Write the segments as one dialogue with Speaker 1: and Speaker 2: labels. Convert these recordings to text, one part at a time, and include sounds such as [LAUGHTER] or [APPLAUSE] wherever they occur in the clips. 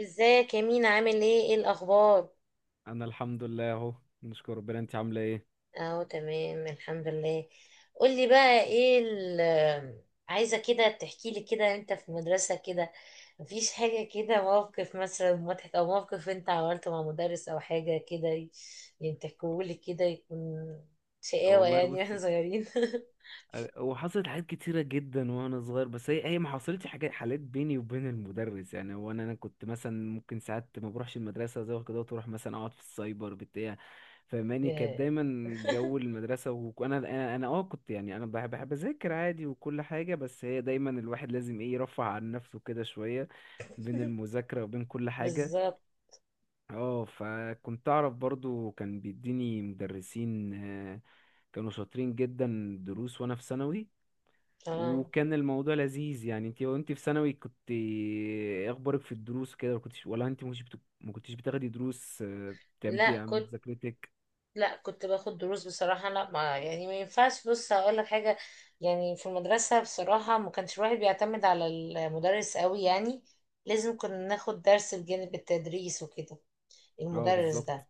Speaker 1: ازيك يا مينا، عامل ايه، ايه الاخبار؟
Speaker 2: انا الحمد لله اهو. نشكر ربنا. انت عامله ايه؟
Speaker 1: اهو تمام الحمد لله. قولي بقى ايه عايزه كده تحكي لي كده انت في المدرسه كده، مفيش حاجه كده، موقف مثلا مضحك او موقف انت عملته مع مدرس او حاجه كده يعني تحكولي كده يكون
Speaker 2: أه
Speaker 1: شقاوه
Speaker 2: والله،
Speaker 1: يعني واحنا
Speaker 2: بصي.
Speaker 1: صغيرين. [LAUGHS]
Speaker 2: أه، هو حصلت حاجات كتيره جدا وانا صغير، بس هي ما حصلتش حالات بيني وبين المدرس. يعني هو انا كنت مثلا ممكن ساعات ما بروحش المدرسه زي كده، وتروح مثلا اقعد في السايبر بتاع. فماني كانت
Speaker 1: لا.
Speaker 2: دايما
Speaker 1: [LAUGHS]
Speaker 2: جو المدرسه، وانا انا انا اه كنت، يعني انا بحب اذاكر عادي وكل حاجه. بس هي دايما الواحد لازم ايه، يرفع عن نفسه كده شويه بين المذاكره وبين كل حاجه.
Speaker 1: بالظبط
Speaker 2: اه، فكنت اعرف برضو. كان بيديني مدرسين كانوا شاطرين جدا دروس وانا في ثانوي،
Speaker 1: اه.
Speaker 2: وكان الموضوع لذيذ. يعني انت، وانت في ثانوي، كنت ايه اخبارك في الدروس كده؟ ما كنتش، ولا انت مش بت... ما كنتش بتاخدي دروس بتعمدي
Speaker 1: لا
Speaker 2: عن
Speaker 1: كنت
Speaker 2: مذاكرتك؟
Speaker 1: لا كنت باخد دروس بصراحة، لا ما يعني ما ينفعش، بص هقول لك حاجة. يعني في المدرسة بصراحة ما كانش الواحد بيعتمد على المدرس قوي يعني، لازم كنا ناخد درس بجانب التدريس وكده،
Speaker 2: اه
Speaker 1: المدرس
Speaker 2: بالظبط.
Speaker 1: ده.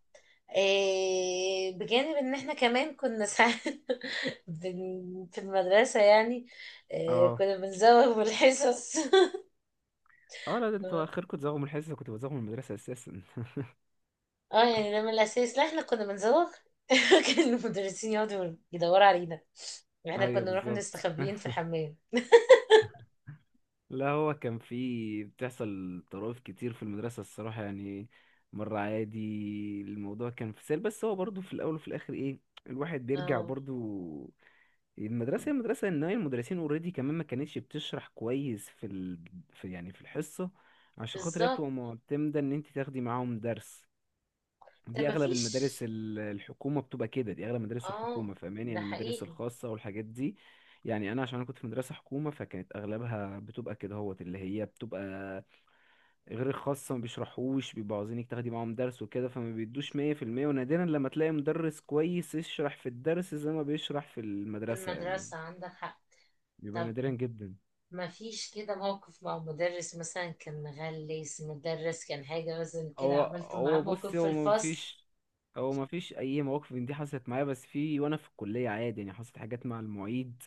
Speaker 1: إيه بجانب ان احنا كمان كنا ساعات [LAUGHS] في المدرسة يعني، إيه
Speaker 2: اه،
Speaker 1: كنا بنزوغ بالحصص. [LAUGHS]
Speaker 2: اه، لا، ده انتوا اخركم تزوغوا من الحصه، كنت بزوغ من المدرسه اساسا.
Speaker 1: اه، يعني ده من الاساس. لا احنا كنا بنزوغ. [LAUGHS] كان المدرسين يقعدوا يدوروا علينا،
Speaker 2: [LAUGHS]
Speaker 1: احنا كنا
Speaker 2: ايوه
Speaker 1: نروح
Speaker 2: بالظبط.
Speaker 1: نستخبيين في الحمام.
Speaker 2: لا، هو كان في بتحصل طرائف كتير في المدرسة الصراحة يعني. مرة عادي، الموضوع كان في سهل، بس هو برضو في الأول وفي الآخر إيه، الواحد بيرجع
Speaker 1: اه
Speaker 2: برضو المدرسة. هي المدرسة، إن هي المدرسين اوريدي كمان ما كانتش بتشرح كويس في في يعني في الحصة، عشان خاطر هي
Speaker 1: بالظبط.
Speaker 2: بتبقى معتمدة إن أنت تاخدي معاهم درس.
Speaker 1: ده
Speaker 2: دي اغلب
Speaker 1: مفيش،
Speaker 2: المدارس الحكومه بتبقى كده، دي اغلب مدارس
Speaker 1: اه،
Speaker 2: الحكومه، فاهماني؟
Speaker 1: ده
Speaker 2: يعني المدارس
Speaker 1: حقيقي.
Speaker 2: الخاصه والحاجات دي، يعني انا عشان انا كنت في مدرسه حكومه فكانت اغلبها بتبقى كده هوت. اللي هي بتبقى غير الخاصه ما بيشرحوش، بيبقوا عاوزينك تاخدي معاهم درس وكده، فما بيدوش 100%. ونادرا لما تلاقي مدرس كويس يشرح في الدرس زي ما بيشرح في
Speaker 1: في
Speaker 2: المدرسه يعني.
Speaker 1: المدرسة عندك حق.
Speaker 2: بيبقى
Speaker 1: طب
Speaker 2: نادرا جدا.
Speaker 1: مفيش كده موقف مع مدرس مثلا كان مغلس، مدرس كان حاجة مثلا كده
Speaker 2: هو
Speaker 1: عملته
Speaker 2: هو
Speaker 1: معاه
Speaker 2: بص،
Speaker 1: موقف في الفصل؟
Speaker 2: هو ما فيش اي مواقف من دي حصلت معايا. بس في، وانا في الكليه عادي يعني، حصلت حاجات مع المعيد.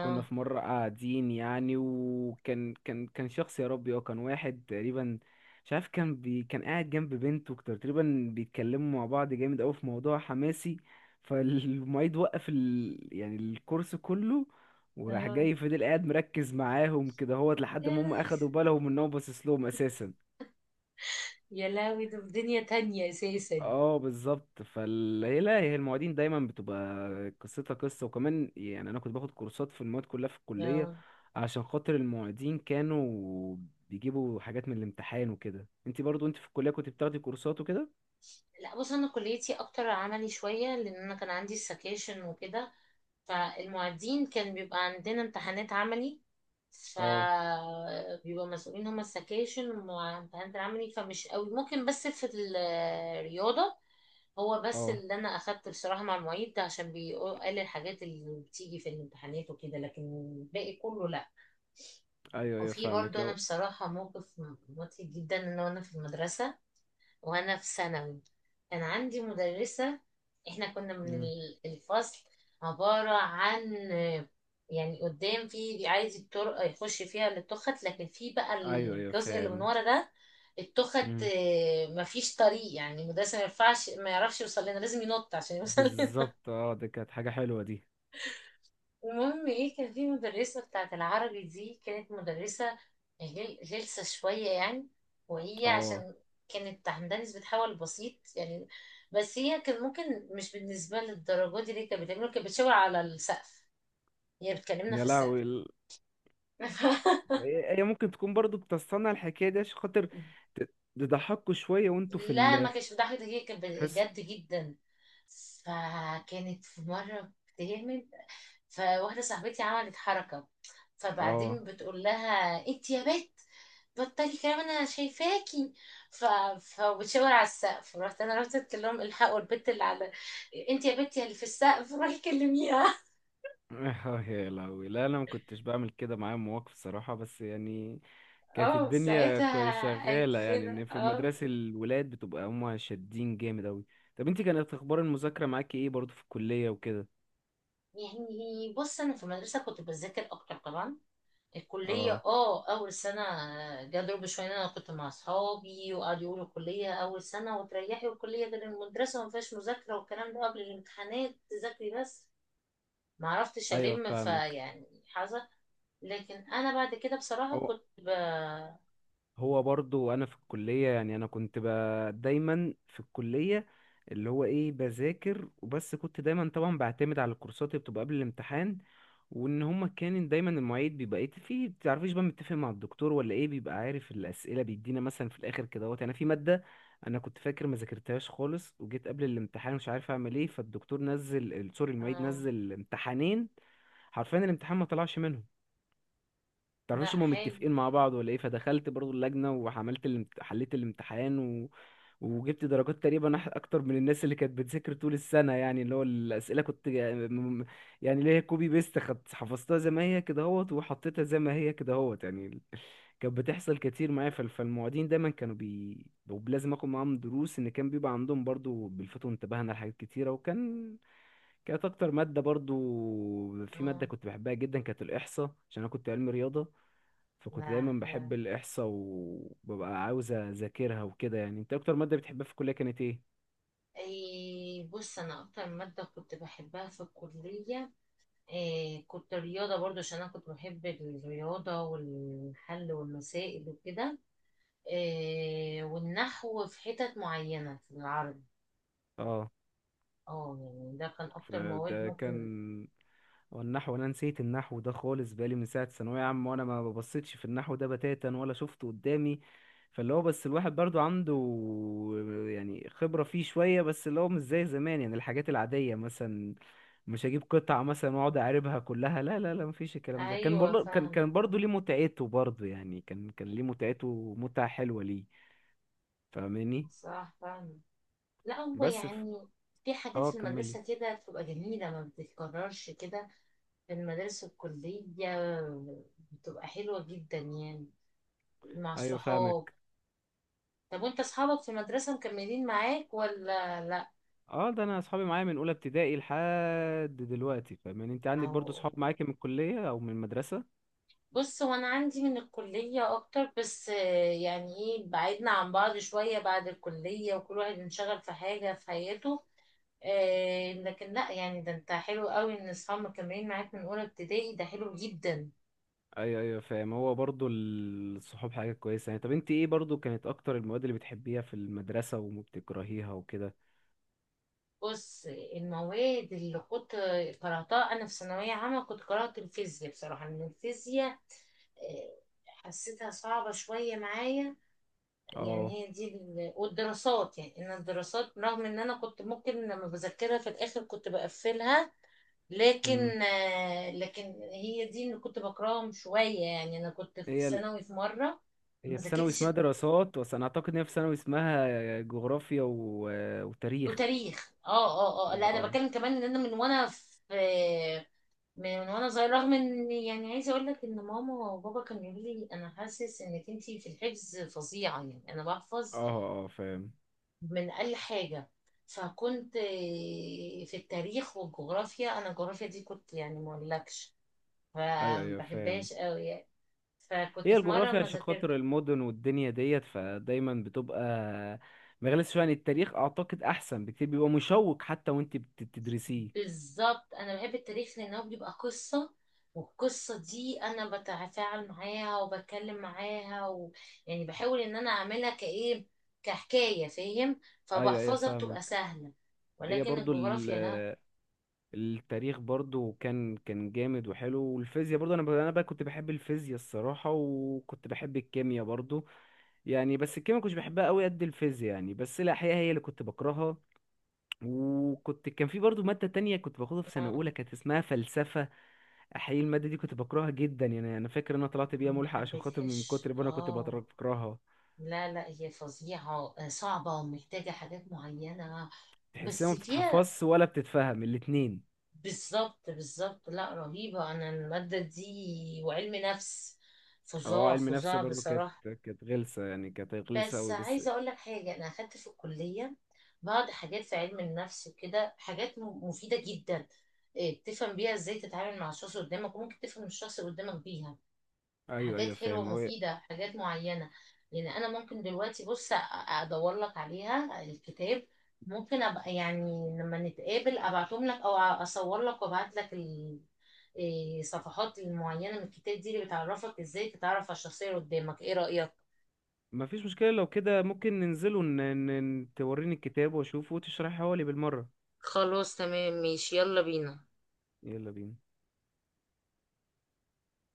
Speaker 2: كنا في مرة قاعدين يعني، وكان كان كان شخص يا ربي، هو كان واحد تقريبا، مش عارف، كان كان قاعد جنب بنته، تقريبا بيتكلموا مع بعض جامد قوي في موضوع حماسي. فالمعيد وقف يعني الكورس كله، وراح
Speaker 1: اه،
Speaker 2: جاي، فضل قاعد مركز معاهم كده هوت لحد
Speaker 1: يا
Speaker 2: ما هم اخدوا بالهم ان هو باصص لهم اساسا.
Speaker 1: يا لهوي، ده في دنيا تانية أساسا.
Speaker 2: اه بالظبط. لا، هي المواعيد دايما بتبقى قصتها قصه، وكمان يعني انا كنت باخد كورسات في المواد كلها في الكليه،
Speaker 1: اه،
Speaker 2: عشان خاطر المعيدين كانوا بيجيبوا حاجات من الامتحان وكده. انت برضو، انت في الكليه كنت بتاخدي كورسات وكده؟
Speaker 1: لا بص، أنا كليتي أكتر عملي شوية، لأن أنا كان عندي السكاشن وكده. فالمعيدين كان بيبقى عندنا امتحانات عملي،
Speaker 2: اه
Speaker 1: فبيبقى مسؤولين هما السكاشن والامتحانات العملي، فمش قوي ممكن بس في الرياضة. هو بس
Speaker 2: اه.
Speaker 1: اللي انا اخدت بصراحة مع المعيد ده عشان قال الحاجات اللي بتيجي في الامتحانات وكده، لكن الباقي كله لا.
Speaker 2: ايوه ايوه
Speaker 1: وفي
Speaker 2: فاهمك
Speaker 1: برضه انا
Speaker 2: اهو.
Speaker 1: بصراحة موقف مضحك جدا، ان انا في المدرسة وانا في ثانوي كان عندي مدرسة، احنا كنا من
Speaker 2: مم.
Speaker 1: الفصل عبارة عن، يعني قدام في عايز الطرق يخش فيها للتخت، لكن في بقى
Speaker 2: ايوه ايوه
Speaker 1: الجزء اللي من
Speaker 2: فاهم.
Speaker 1: ورا ده التخت،
Speaker 2: مم.
Speaker 1: مفيش طريق، يعني المدرسة ما ينفعش ما يعرفش يوصل لنا، لازم ينط عشان يوصل.
Speaker 2: بالظبط، اه دي كانت حاجه حلوه دي.
Speaker 1: المهم ايه كان في مدرسة بتاعت العربي، دي كانت مدرسة غلسة شوية يعني، وهي
Speaker 2: اه،
Speaker 1: عشان كانت عندها نسبة حول بسيط يعني، بس هي كان ممكن مش بالنسبة للدرجة دي اللي كانت بتعمله، كانت بتشاور على السقف، هي بتكلمنا
Speaker 2: يا
Speaker 1: في السقف.
Speaker 2: لهوي ال-
Speaker 1: [LAUGHS]
Speaker 2: هي ممكن تكون برضو بتصنع الحكايه دي عشان خاطر ت- تضحكوا شويه وانتوا في
Speaker 1: لا
Speaker 2: ال
Speaker 1: ما كانش بتضحك، ده هي كانت
Speaker 2: حس.
Speaker 1: بجد جدا. فكانت في مرة بتعمل، فواحدة صاحبتي عملت حركة،
Speaker 2: اه.
Speaker 1: فبعدين بتقول لها: انت يا بت بطلي كلام انا شايفاكي. ف... فبتشاور على السقف، رحت قلت لهم: الحقوا البت اللي على، انت يا بت يا اللي في السقف روحي كلميها.
Speaker 2: [LAUGHS] يا لهوي، لا انا ما كنتش بعمل كده، معايا مواقف صراحه بس يعني
Speaker 1: [LAUGHS]
Speaker 2: كانت
Speaker 1: اه،
Speaker 2: الدنيا كوي
Speaker 1: ساعتها
Speaker 2: شغاله،
Speaker 1: قالت
Speaker 2: يعني
Speaker 1: لنا
Speaker 2: ان في
Speaker 1: اه.
Speaker 2: المدرسه الولاد بتبقى هما شادين جامد اوي. طب انت كانت اخبار المذاكره معاكي ايه برضو في الكليه وكده؟
Speaker 1: يعني بص، انا في المدرسه كنت بذاكر اكتر طبعا. الكلية،
Speaker 2: اه
Speaker 1: اه، أول سنة جا ضرب شوية، أنا كنت مع أصحابي وقعدوا يقولوا الكلية أول سنة وتريحي والكلية ده المدرسة مفيهاش مذاكرة والكلام ده، قبل الامتحانات تذاكري بس، معرفتش
Speaker 2: ايوه
Speaker 1: ألم
Speaker 2: فاهمك.
Speaker 1: فيعني حظا. لكن أنا بعد كده بصراحة
Speaker 2: هو
Speaker 1: كنت
Speaker 2: هو برضو انا في الكليه، يعني انا كنت. دايما في الكليه اللي هو ايه، بذاكر وبس. كنت دايما طبعا بعتمد على الكورسات اللي بتبقى قبل الامتحان، وان هما كان دايما المعيد بيبقى ايه في، بتعرفيش بقى متفق مع الدكتور ولا ايه، بيبقى عارف الاسئله بيدينا مثلا في الاخر كده اهوت. يعني في ماده انا كنت فاكر ما ذاكرتهاش خالص، وجيت قبل الامتحان مش عارف اعمل ايه، فالدكتور نزل سوري المعيد
Speaker 1: آه،
Speaker 2: نزل امتحانين. حرفيا الامتحان ما طلعش منهم،
Speaker 1: لا
Speaker 2: تعرفش هما
Speaker 1: حلو.
Speaker 2: متفقين مع بعض ولا ايه. فدخلت برضو اللجنة وعملت حليت الامتحان. وجبت درجات تقريبا اكتر من الناس اللي كانت بتذاكر طول السنة. يعني اللي هو الأسئلة كنت. يعني اللي هي كوبي بيست، خدت حفظتها زي ما هي كده اهوت، وحطيتها زي ما هي كده اهوت. يعني. كانت بتحصل كتير معايا. فالمعيدين دايما كانوا ولازم اخد معاهم دروس، ان كان بيبقى عندهم برضو بيلفتوا انتباهنا لحاجات كتيرة. وكان كانت اكتر مادة برضو، في مادة
Speaker 1: آه،
Speaker 2: كنت بحبها جدا كانت الإحصاء، عشان انا كنت علمي رياضة. فكنت
Speaker 1: لا
Speaker 2: دايما بحب
Speaker 1: حلو.
Speaker 2: الإحصاء وببقى عاوز أذاكرها وكده. يعني أنت أكتر مادة بتحبها في الكلية كانت إيه؟
Speaker 1: أي بص، أنا أكتر مادة كنت بحبها في الكلية إيه، كنت رياضة برضو عشان أنا كنت بحب الرياضة والحل والمسائل وكده، آه، والنحو في حتت معينة في العرض.
Speaker 2: اه،
Speaker 1: اه يعني، ده كان أكتر مواد
Speaker 2: فده
Speaker 1: ممكن.
Speaker 2: كان. هو النحو، انا نسيت النحو ده خالص، بقالي من ساعه ثانويه عامه وانا ما ببصيتش في النحو ده بتاتا ولا شفته قدامي. فاللي هو بس الواحد برضو عنده يعني خبره فيه شويه، بس اللي هو مش زي زمان. يعني الحاجات العاديه مثلا، مش هجيب قطعه مثلا واقعد اعربها كلها، لا لا لا، مفيش الكلام ده. كان
Speaker 1: أيوة،
Speaker 2: برضو كان
Speaker 1: فاهمة،
Speaker 2: كان برضو
Speaker 1: فاهمة،
Speaker 2: ليه متعته برضو، يعني كان ليه متعته، متعه حلوه ليه. فاهماني؟
Speaker 1: صح فاهمة. لا هو
Speaker 2: بس.
Speaker 1: يعني، في حاجات
Speaker 2: اه
Speaker 1: في
Speaker 2: كملي.
Speaker 1: المدرسة كده بتبقى جميلة ما بتتكررش كده، في المدارس الكلية بتبقى حلوة جدا يعني، مع
Speaker 2: ايوه
Speaker 1: الصحاب.
Speaker 2: فاهمك.
Speaker 1: طب وانت اصحابك في المدرسة مكملين معاك ولا لا؟
Speaker 2: اه، ده انا اصحابي معايا من اولى ابتدائي لحد دلوقتي، فاهم؟ يعني انت عندك برضو
Speaker 1: أو
Speaker 2: صحاب معاك من الكليه او من المدرسه؟
Speaker 1: بص، هو انا عندي من الكلية اكتر، بس يعني ايه، بعدنا عن بعض شوية بعد الكلية وكل واحد انشغل في حاجة في حياته، لكن لا يعني، ده انت حلو قوي ان اصحاب مكملين معاك من اولى ابتدائي ده حلو جدا.
Speaker 2: ايوه ايوه فاهم. هو برضو الصحاب حاجه كويسه يعني. طب انت ايه برضو كانت اكتر المواد اللي بتحبيها في المدرسه وما بتكرهيها وكده؟
Speaker 1: بص المواد اللي كنت قرأتها انا في ثانوية عامة، كنت قرأت الفيزياء بصراحة ان الفيزياء، آه، حسيتها صعبة شوية معايا.
Speaker 2: اه.
Speaker 1: يعني هي دي والدراسات، يعني ان الدراسات رغم ان انا كنت ممكن لما بذاكرها في الاخر كنت بقفلها،
Speaker 2: امم
Speaker 1: لكن هي دي اللي كنت بكرههم شويه يعني، انا كنت في
Speaker 2: هي ال...
Speaker 1: ثانوي في مره ما
Speaker 2: هي في ثانوي
Speaker 1: ذاكرتش
Speaker 2: اسمها دراسات، بس انا اعتقد ان هي في ثانوي اسمها جغرافيا وتاريخ.
Speaker 1: وتاريخ. اه، اه، اه.
Speaker 2: اه
Speaker 1: لا انا
Speaker 2: اه
Speaker 1: بتكلم كمان ان انا من وانا صغير، رغم ان يعني عايزه اقول لك ان ماما وبابا كانوا يقولوا لي انا حاسس انك انتي في الحفظ فظيعه، يعني انا
Speaker 2: اه.
Speaker 1: بحفظ
Speaker 2: اه فاهم.
Speaker 1: من أقل حاجة. فكنت في التاريخ والجغرافيا، أنا الجغرافيا دي كنت يعني ما أقولكش،
Speaker 2: ايوه
Speaker 1: فما
Speaker 2: ايوه فاهم.
Speaker 1: بحبهاش قوي يعني. فكنت
Speaker 2: هي
Speaker 1: في مرة
Speaker 2: الجغرافيا
Speaker 1: ما
Speaker 2: عشان
Speaker 1: ذاكرت.
Speaker 2: خاطر المدن والدنيا ديت، فدايما بتبقى مغالية شوية. عن التاريخ أعتقد أحسن بكتير، بيبقى مشوق حتى وأنت بتدرسيه.
Speaker 1: بالظبط أنا بحب التاريخ لأنه بيبقى قصة، والقصة دي أنا بتفاعل معاها وبتكلم معاها يعني بحاول إن أنا أعملها كإيه، كحكاية، فاهم،
Speaker 2: أيوه أيوه
Speaker 1: فبحفظها بتبقى
Speaker 2: فاهمك.
Speaker 1: سهلة.
Speaker 2: هي
Speaker 1: ولكن
Speaker 2: برضو
Speaker 1: الجغرافيا لا،
Speaker 2: التاريخ برضو كان جامد وحلو. والفيزياء برضو، أنا أنا بقى كنت بحب الفيزياء الصراحة، وكنت بحب الكيمياء برضو يعني. بس الكيمياء كنتش بحبها قوي قد الفيزياء يعني، بس الأحياء هي اللي كنت بكرهها. وكنت كان في برضو مادة تانية كنت باخدها في
Speaker 1: ما
Speaker 2: سنة أولى كانت اسمها فلسفة. حقيقي المادة دي كنت بكرهها جدا، يعني أنا فاكر إن أنا طلعت بيها
Speaker 1: يعني، ما
Speaker 2: ملحق عشان خاطر من
Speaker 1: حبيتهاش
Speaker 2: كتر ما أنا كنت
Speaker 1: اه.
Speaker 2: بكرهها.
Speaker 1: لا، لا، هي فظيعة، صعبة ومحتاجة حاجات معينة،
Speaker 2: تحسها
Speaker 1: بس
Speaker 2: ما
Speaker 1: فيها.
Speaker 2: بتتحفظش ولا بتتفهم، الاتنين.
Speaker 1: بالظبط، بالظبط، لا رهيبة، أنا المادة دي وعلم نفس،
Speaker 2: أه
Speaker 1: فظاع،
Speaker 2: علم نفس
Speaker 1: فظاع
Speaker 2: برضو، كانت
Speaker 1: بصراحة.
Speaker 2: كانت غلسة يعني، كانت غلسة
Speaker 1: بس
Speaker 2: أوي بس.
Speaker 1: عايزة أقول لك حاجة، أنا أخدت في الكلية بعض حاجات في علم النفس وكده، حاجات مفيدة جدا، بتفهم بيها إزاي تتعامل مع الشخص اللي قدامك، وممكن تفهم الشخص اللي قدامك بيها،
Speaker 2: أيوه
Speaker 1: حاجات
Speaker 2: أيوه فاهم.
Speaker 1: حلوة
Speaker 2: هو
Speaker 1: مفيدة حاجات معينة. يعني أنا ممكن دلوقتي بص أدور لك عليها الكتاب، ممكن أبقى يعني لما نتقابل أبعتهم لك أو أصور لك وأبعت لك إيه، صفحات المعينة من الكتاب دي اللي بتعرفك إزاي تتعرف على الشخصية اللي قدامك. إيه رأيك؟
Speaker 2: ما فيش مشكلة لو كده، ممكن ننزل توريني الكتاب وأشوفه وتشرحه لي بالمرة.
Speaker 1: خلاص تمام ماشي يلا بينا.
Speaker 2: يلا بينا.